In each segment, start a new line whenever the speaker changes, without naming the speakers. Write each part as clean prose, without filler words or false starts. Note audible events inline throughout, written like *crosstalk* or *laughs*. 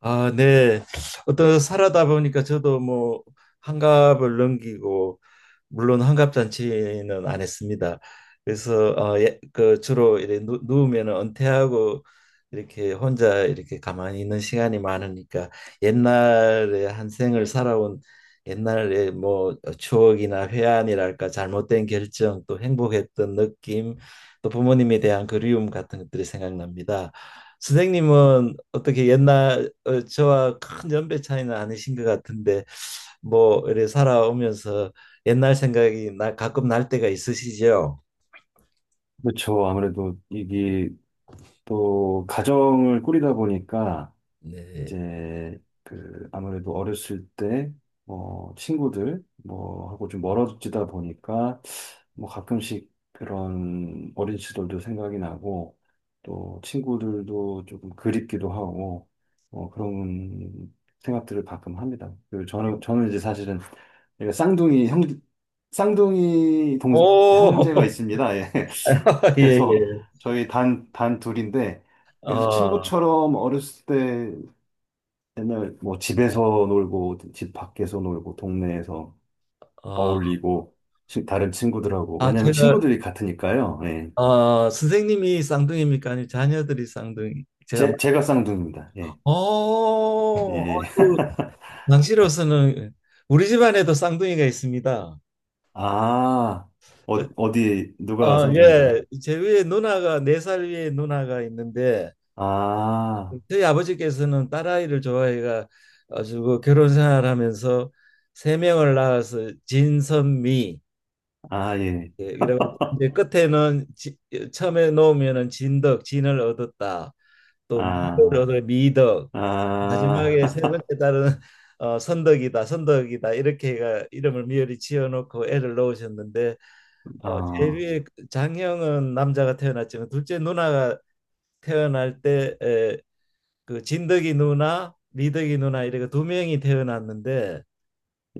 아, 네. 어떤 살아다 보니까 저도 뭐 환갑을 넘기고, 물론 환갑 잔치는 안 했습니다. 그래서 그 주로 이렇게 누우면 은퇴하고 이렇게 혼자 이렇게 가만히 있는 시간이 많으니까 옛날에 한 생을 살아온 옛날에 뭐 추억이나 회한이랄까, 잘못된 결정, 또 행복했던 느낌, 또 부모님에 대한 그리움 같은 것들이 생각납니다. 선생님은 어떻게 옛날 저와 큰 연배 차이는 아니신 것 같은데, 뭐 이래 살아오면서 옛날 생각이 나, 가끔 날 때가 있으시죠?
그렇죠. 아무래도 이게 또 가정을 꾸리다 보니까
네.
이제 그 아무래도 어렸을 때 뭐 친구들 뭐 하고 좀 멀어지다 보니까 뭐 가끔씩 그런 어린 시절도 생각이 나고 또 친구들도 조금 그립기도 하고 그런 생각들을 가끔 합니다. 그 저는 이제 사실은 제가 쌍둥이 형 쌍둥이 동 형제가
오,
있습니다. 예.
*laughs* 예,
그래서
예.
저희 단 둘인데, 그래서
어,
친구처럼 어렸을 때 맨날 뭐 집에서 놀고, 집 밖에서 놀고, 동네에서
어,
어울리고, 다른 친구들하고,
아,
왜냐면
제가
친구들이 같으니까요. 예.
선생님이 쌍둥이입니까? 아니면 자녀들이 쌍둥이? 제가 막,
제가 쌍둥이입니다. 예. 예. *laughs*
아이고, 당시로서는 우리 집안에도 쌍둥이가 있습니다.
아,
어,
어디, 누가 쌍둥이인가요?
예. 제 위에 누나가, 네 살 위에 누나가 있는데,
아,
저희 아버지께서는 딸아이를 좋아해가 가지고, 결혼 생활하면서 세 명을 낳아서 진선미,
아, 예.
예, 이라고, 이제 끝에는 지, 처음에 놓으면은 진덕, 진을 얻었다. 또 미를
아,
얻어 미덕. 마지막에 세 번째
아, *laughs*
딸은 *laughs* 선덕이다, 선덕이다 이렇게 해가 이름을 미열이 지어 놓고 애를 놓으셨는데,
아,
제비의 장형은 남자가 태어났지만, 둘째 누나가 태어날 때 그 진덕이 누나, 미덕이 누나 이렇게 두 명이 태어났는데,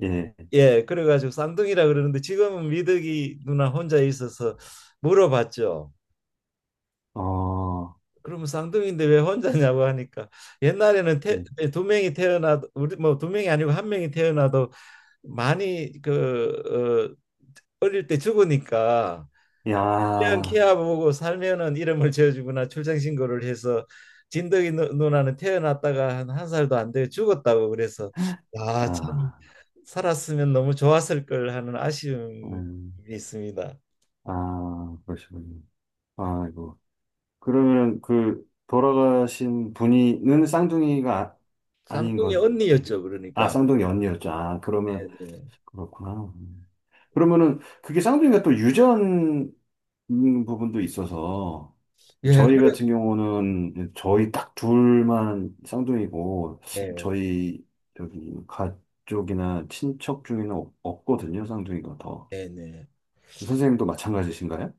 예.
예, 그래가지고 쌍둥이라 그러는데, 지금은 미덕이 누나 혼자 있어서 물어봤죠.
어,
그러면 쌍둥이인데 왜 혼자냐고 하니까, 옛날에는
예.
두 명이 태어나도, 우리 뭐 두 명이 아니고 한 명이 태어나도 많이 그 어릴 때 죽으니까, 그냥
야,
키아 보고 살면은 이름을 지어주거나 출생신고를 해서, 누나는 태어났다가 한 살도 안 돼 죽었다고 그래서, 야, 참,
아.
살았으면 너무 좋았을 걸 하는 아쉬움이
음.
있습니다.
아, 그러시군요. 아이고. 그러면 그 돌아가신 분이는 쌍둥이가 아, 닌
쌍둥이
것, 음.
언니였죠,
아,
그러니까.
쌍둥이 언니였죠. 아,
네,
그러면
네.
그렇구나. 음. 그러면은 그게 쌍둥이가 또 유전 있는 부분도 있어서
예,
저희
그래.
같은 경우는 저희 딱 둘만 쌍둥이고
네,
저희 여기 가족이나 친척 중에는 없거든요. 쌍둥이가 더.
네, 네.
선생님도 마찬가지신가요?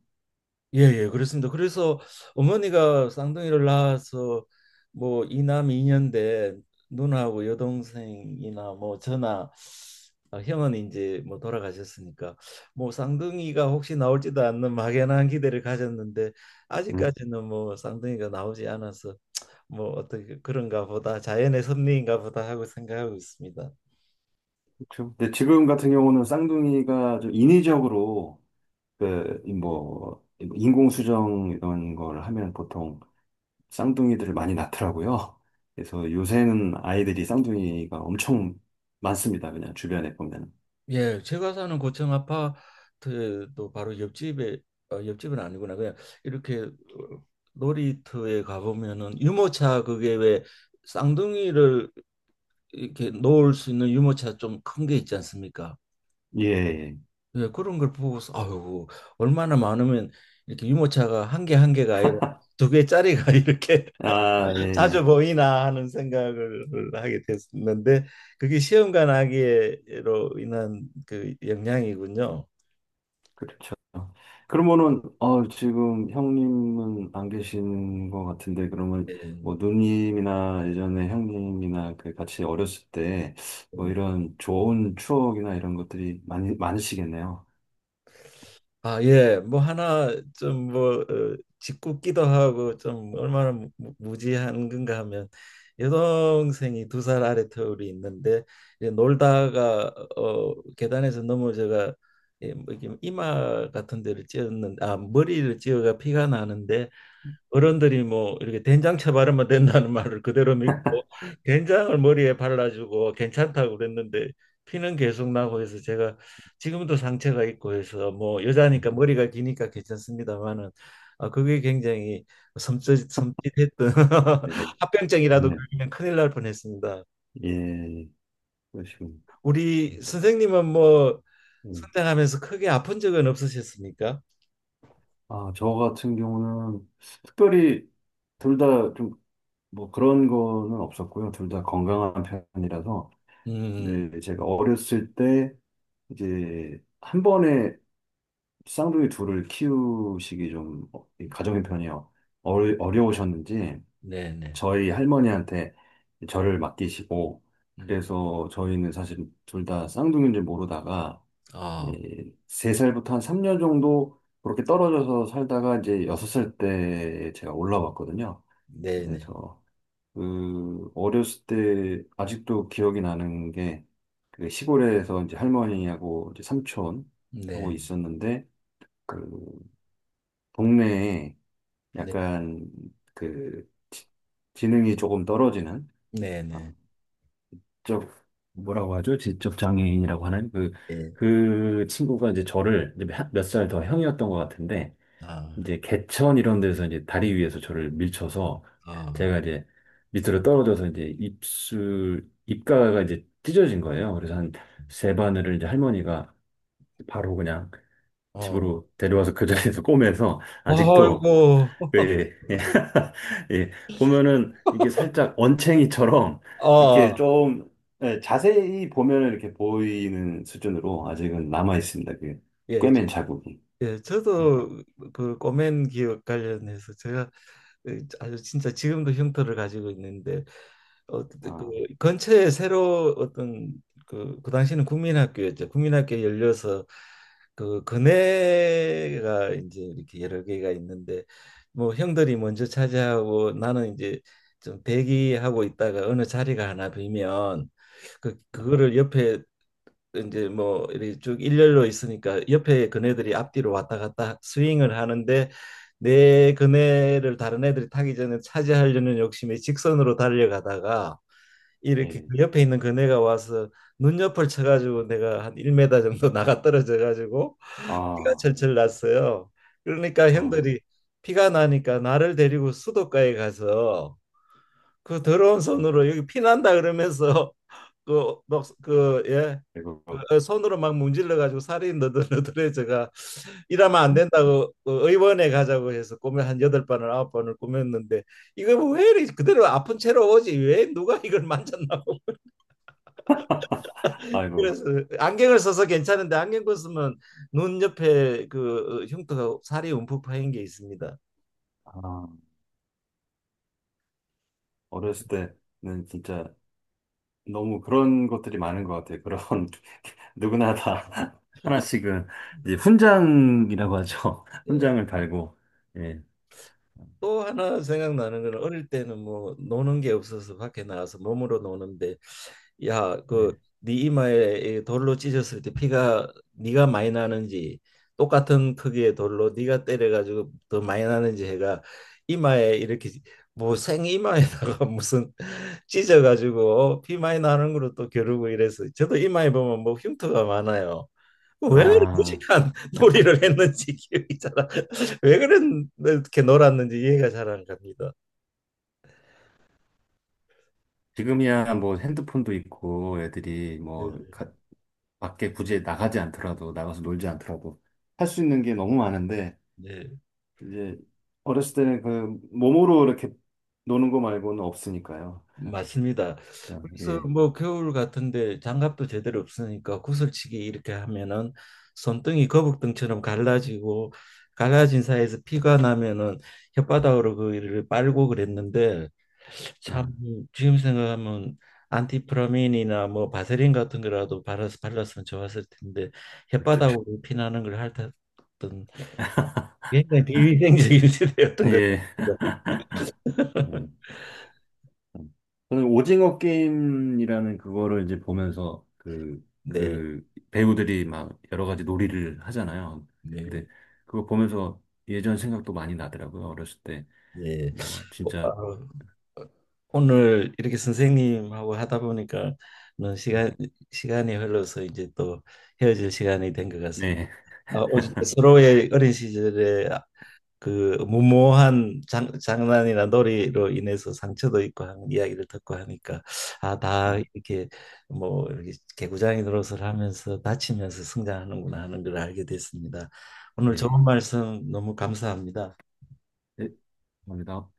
예, 예, 그렇습니다. 그래서 어머니가 쌍둥이를 낳아서, 뭐 이남 이년대 누나하고 여동생이나 뭐 저나, 아, 형은 이제 뭐 돌아가셨으니까, 뭐 쌍둥이가 혹시 나올지도 않는 막연한 기대를 가졌는데, 아직까지는 뭐 쌍둥이가 나오지 않아서 뭐 어떻게 그런가 보다, 자연의 섭리인가 보다 하고 생각하고 있습니다.
그렇죠. 근데 지금 같은 경우는 쌍둥이가 좀 인위적으로 그뭐 인공수정 이런 걸 하면 보통 쌍둥이들을 많이 낳더라고요. 그래서 요새는 아이들이 쌍둥이가 엄청 많습니다. 그냥 주변에 보면.
예, 제가 사는 고층 아파트도 바로 옆집에 옆집은 아니구나. 그냥 이렇게 놀이터에 가보면은 유모차, 그게 왜 쌍둥이를 이렇게 놓을 수 있는 유모차, 좀 큰 게 있지 않습니까?
예. 예.
예, 그런 걸 보고서 아유, 얼마나 많으면 이렇게 유모차가 한 개 한 개가 아니라 두 개짜리가 *laughs* 이렇게
아, 예. 예.
자주 보이나 하는 생각을 하게 됐었는데, 그게 시험관 아기로 인한 그 영향이군요.
그렇죠. 그러면은 지금 형님은 안 계시는 것 같은데 그러면
예.
뭐 누님이나 예전에 형님이나 그 같이 어렸을 때 뭐
네.
이런 좋은 추억이나 이런 것들이 많이 많으시겠네요.
아, 예. 뭐 하나 좀뭐 짓궂기도 하고 좀, 얼마나 무지한 건가 하면, 여동생이 두 살 아래 터울이 있는데, 이제 놀다가 계단에서 넘어져가, 예, 뭐 이렇게 이마 같은 데를 찧었는데, 아, 머리를 찧어가 피가 나는데, 어른들이 뭐 이렇게 된장채 바르면 된다는 *laughs* 말을 그대로 믿고 된장을 머리에 발라주고 괜찮다고 그랬는데, 피는 계속 나고 해서 제가 지금도 상처가 있고 해서, 뭐 여자니까 머리가 기니까 괜찮습니다만은, 아 그게 굉장히 섬찟 섬찟했던
이거
*laughs* 합병증이라도
네,
걸리면 큰일 날 뻔했습니다.
예, 그러시군.
우리 선생님은 뭐
예.
성장하면서 크게 아픈 적은 없으셨습니까?
아, 저 같은 경우는 특별히 둘 다 좀 뭐 그런 거는 없었고요. 둘 다 건강한 편이라서
음,
근데 제가 어렸을 때 이제 한 번에 쌍둥이 둘을 키우시기 좀 이 가정의 편이 어려우셨는지
네네.
저희 할머니한테 저를 맡기시고
음,
그래서 저희는 사실 둘 다 쌍둥이인 줄 모르다가
아,
예, 세살부터한 3년 정도 그렇게 떨어져서 살다가 이제 6살 때 제가 올라왔거든요.
네네.
그래서 그 어렸을 때 아직도 기억이 나는 게 그 시골에서 이제 할머니하고 이제
네.
삼촌하고
네.
있었는데 그 동네에
네.
약간 그 지능이 조금 떨어지는 어,
네네.
쪽 뭐라고 하죠? 지적 장애인이라고 하는 그
예.
그 친구가 이제 저를 몇 살 더 형이었던 것 같은데
아,
이제 개천 이런 데서 이제 다리 위에서 저를 밀쳐서
아,
제가 이제 밑으로 떨어져서 이제 입술 입가가 이제 찢어진 거예요. 그래서 한 세 바늘을 이제 할머니가 바로 그냥
어.
집으로 데려와서 그 자리에서 *laughs* 꼬매서 아직도
아이고.
예, 예. 예. *laughs* 예. 보면은 이게
*laughs*
살짝 언챙이처럼
아,
이렇게 좀 예, 자세히 보면은 이렇게 보이는 수준으로 아직은 남아 있습니다. 그
예,
꿰맨 자국이.
예,
예.
저도 그 꼬맨 기업 관련해서 제가, 예, 아주 진짜 지금도 흉터를 가지고 있는데, 그
아,
근처에 새로 어떤, 그, 그 당시는 국민학교였죠. 국민학교 열려서, 그 근혜가 이제 이렇게 여러 개가 있는데, 뭐 형들이 먼저 차지하고, 나는 이제 좀 대기하고 있다가 어느 자리가 하나 비면 그, 그거를 옆에 이제 뭐 이렇게 쭉 일렬로 있으니까, 옆에 그네들이 앞뒤로 왔다 갔다 스윙을 하는데, 내 그네를 다른 애들이 타기 전에 차지하려는 욕심에 직선으로 달려가다가 이렇게
예.
그 옆에 있는 그네가 와서 눈옆을 쳐가지고 내가 한 1m 정도 *laughs* 나가 떨어져가지고 피가
아,
철철 났어요. 그러니까
아,
형들이 피가 나니까 나를 데리고 수도가에 가서 그 더러운
음,
손으로 여기 피난다 그러면서 *laughs* 그 막 그 예.
아이고,
그 손으로 막 문질러 가지고 살이 너덜너덜해져가, 이러면 안 된다고 그 의원에 가자고 해서 꿈에 한 여덟 번을 아홉 번을 꾸몄는데, 이거 뭐 왜 이리 그대로 아픈 채로 오지, 왜 누가 이걸 만졌나고 *laughs*
아이고.
그래서, 안경을 써서 괜찮은데 안경 벗으면 눈 옆에 그 흉터가 살이 움푹 파인 게 있습니다.
아, 어렸을 때는 진짜 너무 그런 것들이 많은 것 같아요. 그런 *laughs* 누구나 다 *laughs* 하나씩은 이제 훈장이라고 하죠. *laughs*
예.
훈장을 달고. 예.
또 하나 생각나는 거는, 어릴 때는 뭐 노는 게 없어서 밖에 나가서 몸으로 노는데, 야, 그
네.
네 이마에 이 돌로 찢었을 때 피가 네가 많이 나는지, 똑같은 크기의 돌로 네가 때려가지고 더 많이 나는지 해가, 이마에 이렇게 뭐 생이마에다가 *laughs* 무슨 찢어가지고, 어, 피 많이 나는 거로 또 겨루고 이래서, 저도 이마에 보면 뭐 흉터가 많아요. 왜 이렇게
아.
무식한 *laughs* 놀이를 했는지 기억이 잘 안-, 왜 그렇게 놀았는지 이해가 잘 안 갑니다.
지금이야 뭐 핸드폰도 있고 애들이 뭐
예,
밖에 굳이 나가지 않더라도 나가서 놀지 않더라도 할 수 있는 게 너무 많은데
예,
이제 어렸을 때는 그 몸으로 이렇게 노는 거 말고는 없으니까요.
맞습니다.
참,
그래서
예.
뭐 겨울 같은데 장갑도 제대로 없으니까 구슬치기 이렇게 하면은 손등이 거북등처럼 갈라지고, 갈라진 사이에서 피가 나면은 혓바닥으로 그를 빨고 그랬는데, 참
아,
지금 생각하면 안티프라민이나 뭐 바세린 같은 거라도 발라서 발랐으면 좋았을 텐데,
그렇죠.
혓바닥으로 피나는 걸 핥았던, 굉장히 비위생적인 *laughs* 시대였던
예.
것
예.
같습니다.
음. 저는 오징어 게임이라는 그거를 이제 보면서 그,
네,
그 배우들이 막 여러 가지 놀이를 하잖아요.
네,
근데 그거 보면서 예전 생각도 많이 나더라고요. 어렸을 때.
예.
뭐
아,
진짜
오늘 이렇게 선생님하고 하다 보니까는
네.
시간 시간이 흘러서 이제 또 헤어질 시간이 된 것 같습니다. 아, 오-
*laughs*
서로의 어린 시절에 그 무모한 장난이나 놀이로 인해서 상처도 있고 하는 이야기를 듣고 하니까, 아, 다
네. 네.
이렇게 뭐 이렇게 개구장이 노릇을 하면서 다치면서 성장하는구나 하는 걸 알게 됐습니다. 오늘 좋은
네.
말씀 너무 감사합니다.
네. 감사합니다.